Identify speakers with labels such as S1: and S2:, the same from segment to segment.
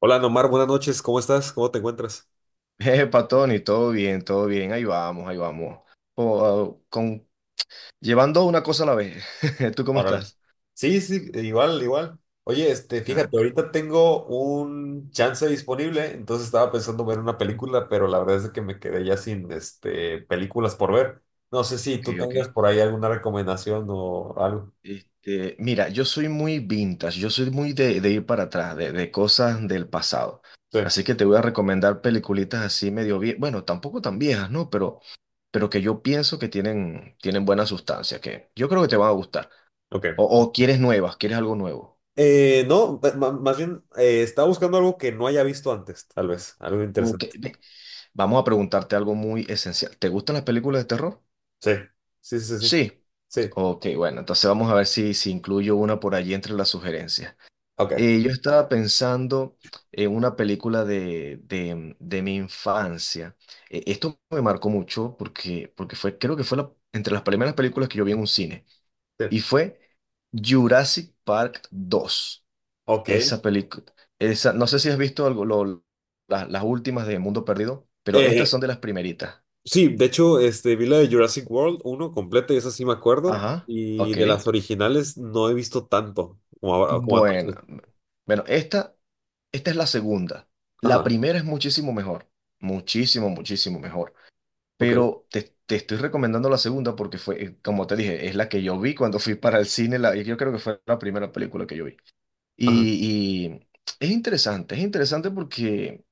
S1: Hola, Nomar, buenas noches. ¿Cómo estás? ¿Cómo te encuentras?
S2: Epa, Tony, todo bien, ahí vamos, ahí vamos. Po- con, Llevando una cosa a la vez. ¿Tú cómo
S1: Órale.
S2: estás?
S1: Sí, sí, igual, igual. Oye,
S2: Ah,
S1: fíjate, ahorita tengo un chance disponible, entonces estaba pensando ver una película, pero la verdad es que me quedé ya sin películas por ver. No sé si tú
S2: ok, ok.
S1: tengas por ahí alguna recomendación o algo.
S2: Mira, yo soy muy vintage, yo soy muy de ir para atrás, de cosas del pasado.
S1: Sí,
S2: Así que te voy a recomendar peliculitas así medio viejas, bueno, tampoco tan viejas, ¿no? Pero que yo pienso que tienen buena sustancia, que yo creo que te van a gustar. O,
S1: ok.
S2: o quieres nuevas, quieres algo nuevo.
S1: No, más bien estaba buscando algo que no haya visto antes, tal vez, algo
S2: Ok,
S1: interesante.
S2: ve. Vamos a preguntarte algo muy esencial. ¿Te gustan las películas de terror?
S1: Sí, sí, sí, sí,
S2: Sí.
S1: sí.
S2: Ok, bueno, entonces vamos a ver si incluyo una por allí entre las sugerencias.
S1: Ok.
S2: Yo estaba pensando en una película de mi infancia. Esto me marcó mucho porque fue, creo que fue entre las primeras películas que yo vi en un cine. Y
S1: Sí.
S2: fue Jurassic Park dos.
S1: Ok.
S2: Esa película, no sé si has visto algo, las últimas de Mundo Perdido, pero estas
S1: Eh,
S2: son de las primeritas.
S1: Sí, de hecho, vi la de Jurassic World uno completa y esa sí me acuerdo.
S2: Ajá,
S1: Y
S2: ok.
S1: de las originales no he visto tanto como, como a
S2: Bueno,
S1: otros.
S2: bueno, esta es la segunda. La
S1: Ajá,
S2: primera es muchísimo mejor, muchísimo mejor.
S1: ok,
S2: Pero te estoy recomendando la segunda porque fue, como te dije, es la que yo vi cuando fui para el cine. La, yo creo que fue la primera película que yo vi.
S1: ajá,
S2: Y es interesante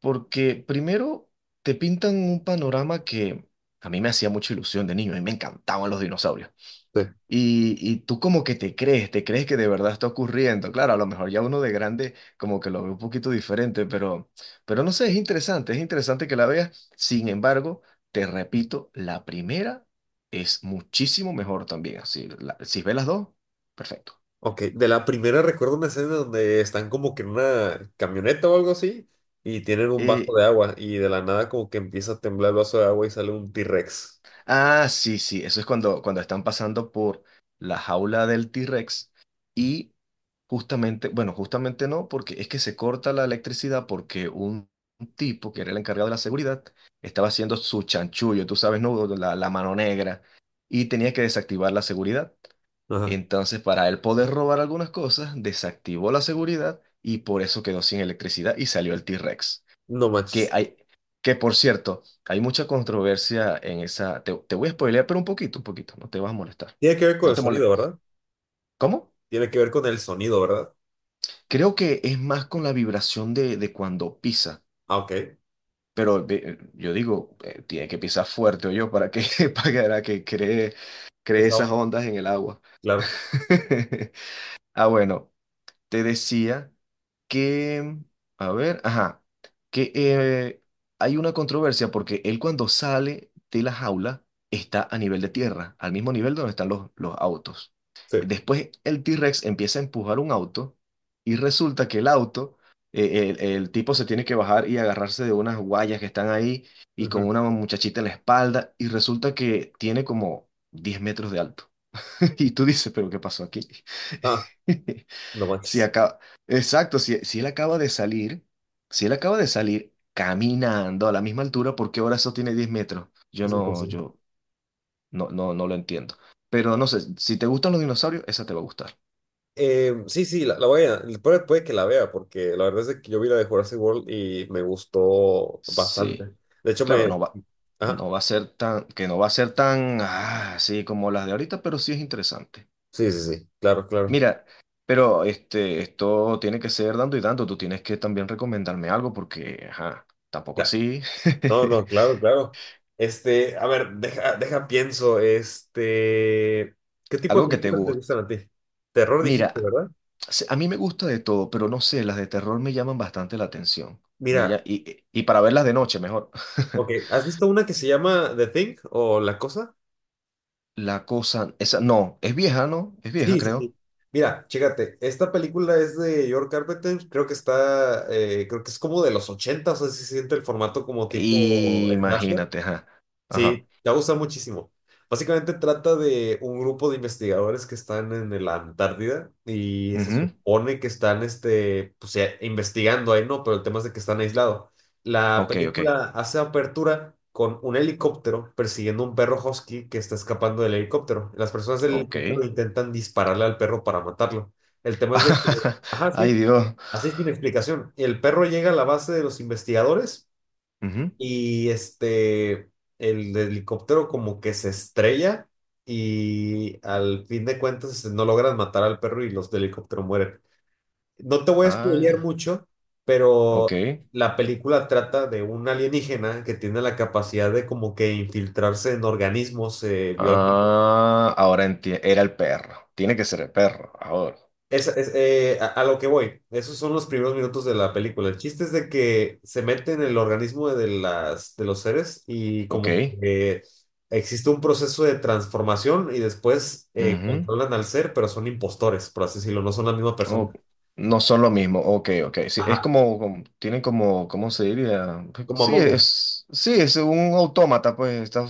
S2: porque primero te pintan un panorama que a mí me hacía mucha ilusión de niño, a mí me encantaban los dinosaurios.
S1: sí.
S2: Y tú como que te crees que de verdad está ocurriendo. Claro, a lo mejor ya uno de grande como que lo ve un poquito diferente, pero no sé, es interesante que la veas. Sin embargo, te repito, la primera es muchísimo mejor también. Si, si ves las dos, perfecto.
S1: Ok, de la primera recuerdo una escena donde están como que en una camioneta o algo así y tienen un vaso
S2: Eh,
S1: de agua y de la nada como que empieza a temblar el vaso de agua y sale un T-Rex.
S2: Ah, sí, sí, eso es cuando están pasando por la jaula del T-Rex y justamente, bueno, justamente no, porque es que se corta la electricidad porque un tipo que era el encargado de la seguridad estaba haciendo su chanchullo, tú sabes, ¿no? La mano negra y tenía que desactivar la seguridad.
S1: Ajá,
S2: Entonces, para él poder robar algunas cosas, desactivó la seguridad y por eso quedó sin electricidad y salió el T-Rex.
S1: no
S2: Que
S1: manches.
S2: hay, que por cierto, hay mucha controversia en esa. Te voy a spoilear, pero un poquito, no te vas a molestar.
S1: Tiene que ver con
S2: No
S1: el
S2: te
S1: sonido,
S2: molest...
S1: ¿verdad?
S2: ¿Cómo?
S1: Tiene que ver con el sonido, ¿verdad?
S2: Creo que es más con la vibración de cuando pisa.
S1: Ah, ok,
S2: Pero ve- yo digo, tiene que pisar fuerte o yo para que, para que cree
S1: esa
S2: esas
S1: onda,
S2: ondas en el agua.
S1: claro,
S2: Ah, bueno. Te decía que, a ver, ajá, que hay una controversia porque él cuando sale de la jaula está a nivel de tierra, al mismo nivel donde están los autos.
S1: sí.
S2: Después el T-Rex empieza a empujar un auto y resulta que el auto, el tipo se tiene que bajar y agarrarse de unas guayas que están ahí y con
S1: Ujú.
S2: una muchachita en la espalda y resulta que tiene como 10 metros de alto. Y tú dices, pero ¿qué pasó aquí?
S1: Ah, no
S2: Si
S1: manches.
S2: acaba, exacto, si, si él acaba de salir, si él acaba de salir caminando a la misma altura, ¿por qué ahora eso tiene 10 metros? Yo
S1: Sí, pues
S2: no,
S1: sí.
S2: yo no, no, no lo entiendo. Pero no sé, si te gustan los dinosaurios, esa te va a gustar.
S1: Sí, sí, la voy a, puede, puede que la vea, porque la verdad es de que yo vi la de Jurassic World y me gustó bastante.
S2: Sí.
S1: De hecho,
S2: Claro,
S1: me... Ajá,
S2: no va a ser tan, que no va a ser tan ah, así como las de ahorita, pero sí es interesante.
S1: sí, sí, sí, claro, claro.
S2: Mira, pero este, esto tiene que ser dando y dando. Tú tienes que también recomendarme algo porque, ajá, tampoco
S1: Ya.
S2: así.
S1: No, no, claro, claro. Este, a ver, pienso, ¿qué tipo de
S2: Algo que te
S1: películas te
S2: guste.
S1: gustan a ti? Terror dijiste,
S2: Mira.
S1: ¿verdad?
S2: A mí me gusta de todo, pero no sé, las de terror me llaman bastante la atención. Me
S1: Mira,
S2: lla- y, y para verlas de noche, mejor.
S1: ok, ¿has visto una que se llama The Thing o La Cosa?
S2: La cosa, esa, no, es vieja, ¿no? Es vieja,
S1: Sí, sí,
S2: creo.
S1: sí. Mira, chécate, esta película es de George Carpenter, creo que está, creo que es como de los 80, o sea, se siente el formato como tipo slasher.
S2: Imagínate, ajá. Ajá.
S1: Sí, te va a gustar muchísimo. Básicamente trata de un grupo de investigadores que están en la Antártida y se
S2: Ujú.
S1: supone que están pues, investigando ahí, ¿no? Pero el tema es de que están aislados. La
S2: Ok, ok.
S1: película hace apertura con un helicóptero persiguiendo un perro husky que está escapando del helicóptero. Las personas del helicóptero
S2: Ok.
S1: intentan dispararle al perro para matarlo. El tema es de que, ajá,
S2: Ay,
S1: sí,
S2: Dios.
S1: así sin explicación. El perro llega a la base de los investigadores
S2: Ujú.
S1: y el helicóptero como que se estrella y al fin de cuentas no logran matar al perro y los del helicóptero mueren. No te voy a
S2: Ay,
S1: spoilear mucho, pero
S2: ok.
S1: la película trata de un alienígena que tiene la capacidad de como que infiltrarse en organismos biológicos.
S2: Ah, ahora entiendo. Era el perro. Tiene que ser el perro. Ahora.
S1: Es, es, a lo que voy, esos son los primeros minutos de la película. El chiste es de que se mete en el organismo de de los seres y
S2: Ok.
S1: como que existe un proceso de transformación y después
S2: Ujú.
S1: controlan al ser, pero son impostores, por así decirlo, no son la misma
S2: Oh,
S1: persona.
S2: no son lo mismo. Ok, ok. Sí, es
S1: Ajá.
S2: como, tienen como, ¿cómo se diría?
S1: Como Among Us.
S2: Sí, es un autómata, pues está,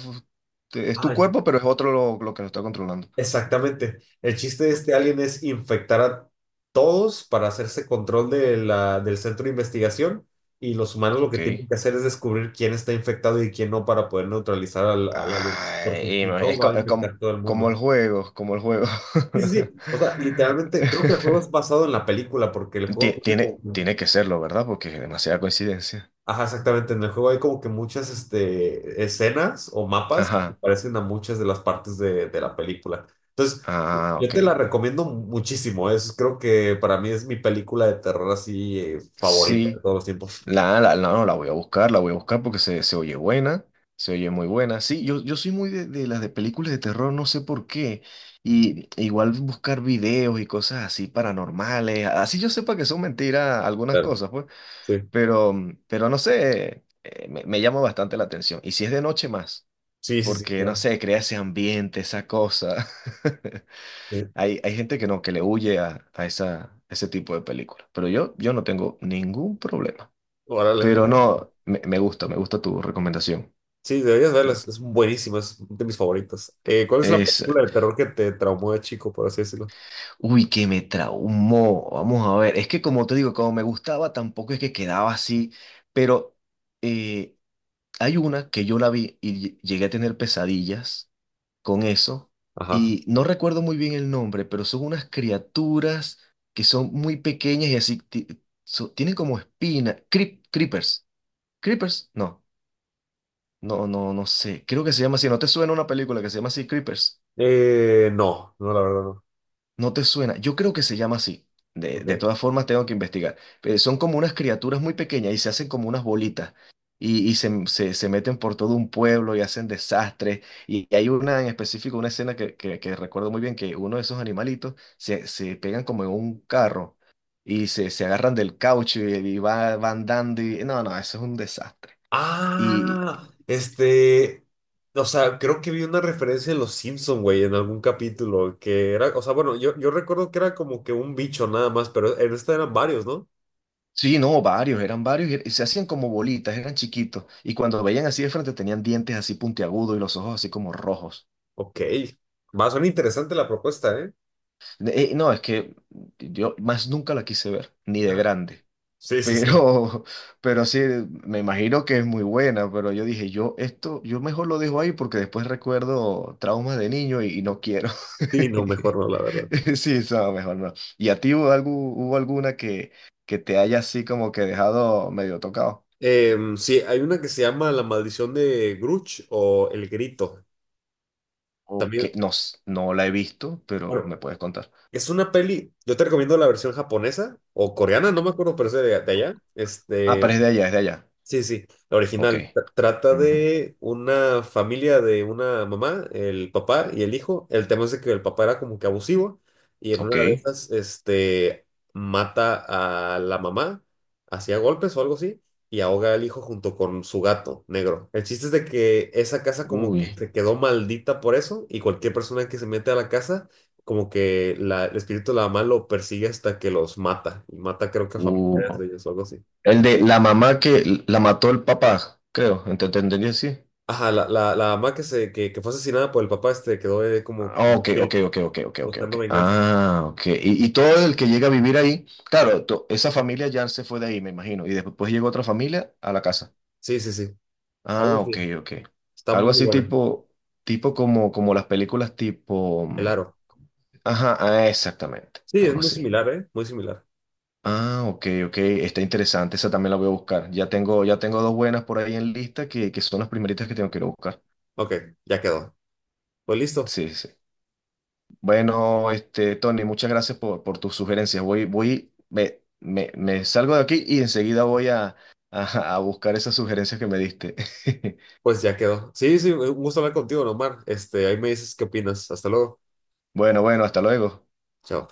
S2: es tu
S1: Ah,
S2: cuerpo, pero es otro lo que lo está controlando.
S1: exactamente. El chiste de este alien es infectar a todos para hacerse control de del centro de investigación y los humanos lo que
S2: Ok.
S1: tienen que hacer es descubrir quién está infectado y quién no para poder neutralizar al alien, porque
S2: Ay,
S1: si
S2: ima-
S1: no
S2: es,
S1: va a
S2: co- es com-
S1: infectar todo el
S2: como
S1: mundo.
S2: el juego, como el juego.
S1: Sí, sí, sí. O sea, literalmente creo que el juego es basado en la película porque el juego tiene como...
S2: Tiene que serlo, ¿verdad? Porque es demasiada coincidencia.
S1: Ajá, exactamente. En el juego hay como que muchas escenas o mapas que
S2: Ajá.
S1: parecen a muchas de las partes de la película. Entonces,
S2: Ah,
S1: yo
S2: ok.
S1: te la recomiendo muchísimo. Es, creo que para mí es mi película de terror así favorita de
S2: Sí.
S1: todos los tiempos.
S2: No, la voy a buscar, la voy a buscar porque se oye buena, se oye muy buena. Sí, yo soy muy de las de películas de terror, no sé por qué. Y e igual buscar videos y cosas así paranormales, así yo sepa que son mentiras algunas
S1: Claro,
S2: cosas, pues,
S1: sí.
S2: pero no sé, me llama bastante la atención. Y si es de noche más,
S1: Sí, sí, sí,
S2: porque no
S1: claro.
S2: sé, crea ese ambiente, esa cosa.
S1: Sí.
S2: Hay gente que no, que le huye a esa, ese tipo de películas, pero yo no tengo ningún problema.
S1: Órale.
S2: Pero no, me gusta tu recomendación.
S1: Sí, deberías verla. Es buenísima, es de mis favoritas. ¿Cuál es la
S2: Es,
S1: película de terror que te traumó de chico, por así decirlo?
S2: uy, que me traumó. Vamos a ver, es que como te digo, como me gustaba, tampoco es que quedaba así, pero eh, hay una que yo la vi y llegué a tener pesadillas con eso,
S1: Ajá.
S2: y no recuerdo muy bien el nombre, pero son unas criaturas que son muy pequeñas y así, tienen como espina, creepers, creepers, no, no, no, no sé, creo que se llama así, ¿no te suena una película que se llama así, creepers?
S1: No, no, la verdad no.
S2: No te suena. Yo creo que se llama así. De
S1: Ok.
S2: todas formas, tengo que investigar. Pero son como unas criaturas muy pequeñas y se hacen como unas bolitas. Se meten por todo un pueblo y hacen desastres. Y hay una en específico, una escena que recuerdo muy bien, que uno de esos animalitos se pegan como en un carro y se agarran del caucho y va, van andando. Y, no, no, eso es un desastre.
S1: Ah, este, o sea, creo que vi una referencia de Los Simpson, güey, en algún capítulo, que era, o sea, bueno, yo recuerdo que era como que un bicho nada más, pero en esta eran varios, ¿no?
S2: Sí, no, varios, eran varios y se hacían como bolitas, eran chiquitos. Y cuando veían así de frente tenían dientes así puntiagudos y los ojos así como rojos.
S1: Ok, va, suena interesante la propuesta, ¿eh?
S2: No, es que yo más nunca la quise ver, ni de grande.
S1: Sí, sí, sí.
S2: Pero, pero sí, me imagino que es muy buena, pero yo dije, yo esto, yo mejor lo dejo ahí porque después recuerdo traumas de niño y no quiero.
S1: Sí, no, mejor no, la verdad.
S2: Sí, no, mejor no. ¿Y a ti hubo, hubo alguna que te haya así como que dejado medio tocado?
S1: Em, sí, hay una que se llama La Maldición de Grudge o El Grito.
S2: Ok,
S1: También,
S2: no, s- no la he visto, pero
S1: bueno,
S2: me puedes contar.
S1: es una peli, yo te recomiendo la versión japonesa o coreana,
S2: Ok.
S1: no me acuerdo, pero es de allá.
S2: Ah, pero
S1: Este,
S2: es de allá, es de allá.
S1: sí, sí, la
S2: Ok.
S1: original. Trata
S2: Ujú.
S1: de una familia de una mamá, el papá y el hijo. El tema es de que el papá era como que abusivo y en
S2: Ok.
S1: una de esas, mata a la mamá, hacía golpes o algo así, y ahoga al hijo junto con su gato negro. El chiste es de que esa casa como que
S2: Uy.
S1: se quedó maldita por eso y cualquier persona que se mete a la casa, como que el espíritu de la mamá lo persigue hasta que los mata. Y mata creo que a familiares
S2: Uh,
S1: de ellos o algo así.
S2: El de la mamá que la mató el papá, creo. Te entendí así?
S1: Ajá, la mamá que fue asesinada por el papá este quedó como,
S2: Ah,
S1: como
S2: ok, ok,
S1: espíritu,
S2: ok, ok, ok, ok, ok.
S1: buscando venganza.
S2: Ah, ok. Y todo el que llega a vivir ahí, claro, esa familia ya se fue de ahí, me imagino. Y después llegó otra familia a la casa.
S1: Sí, sí, sí. Algo
S2: Ah,
S1: así.
S2: ok, ok.
S1: Está
S2: Algo
S1: muy
S2: así
S1: buena.
S2: tipo como, como las películas tipo.
S1: El
S2: Mm.
S1: aro.
S2: Ajá, ah, exactamente,
S1: Sí, es
S2: algo
S1: muy
S2: así.
S1: similar, ¿eh? Muy similar.
S2: Ah, ok, ok, está interesante, esa también la voy a buscar. Ya tengo dos buenas por ahí en lista que son las primeritas que tengo que ir a buscar.
S1: Ok, ya quedó. Pues listo.
S2: Sí, sí. Bueno, este, Tony, muchas gracias por tus sugerencias. Me salgo de aquí y enseguida voy a, a buscar esas sugerencias que me diste.
S1: Pues ya quedó. Sí, sí, un gusto hablar contigo, Omar. Este, ahí me dices qué opinas. Hasta luego.
S2: Bueno, bueno, hasta luego.
S1: Chao.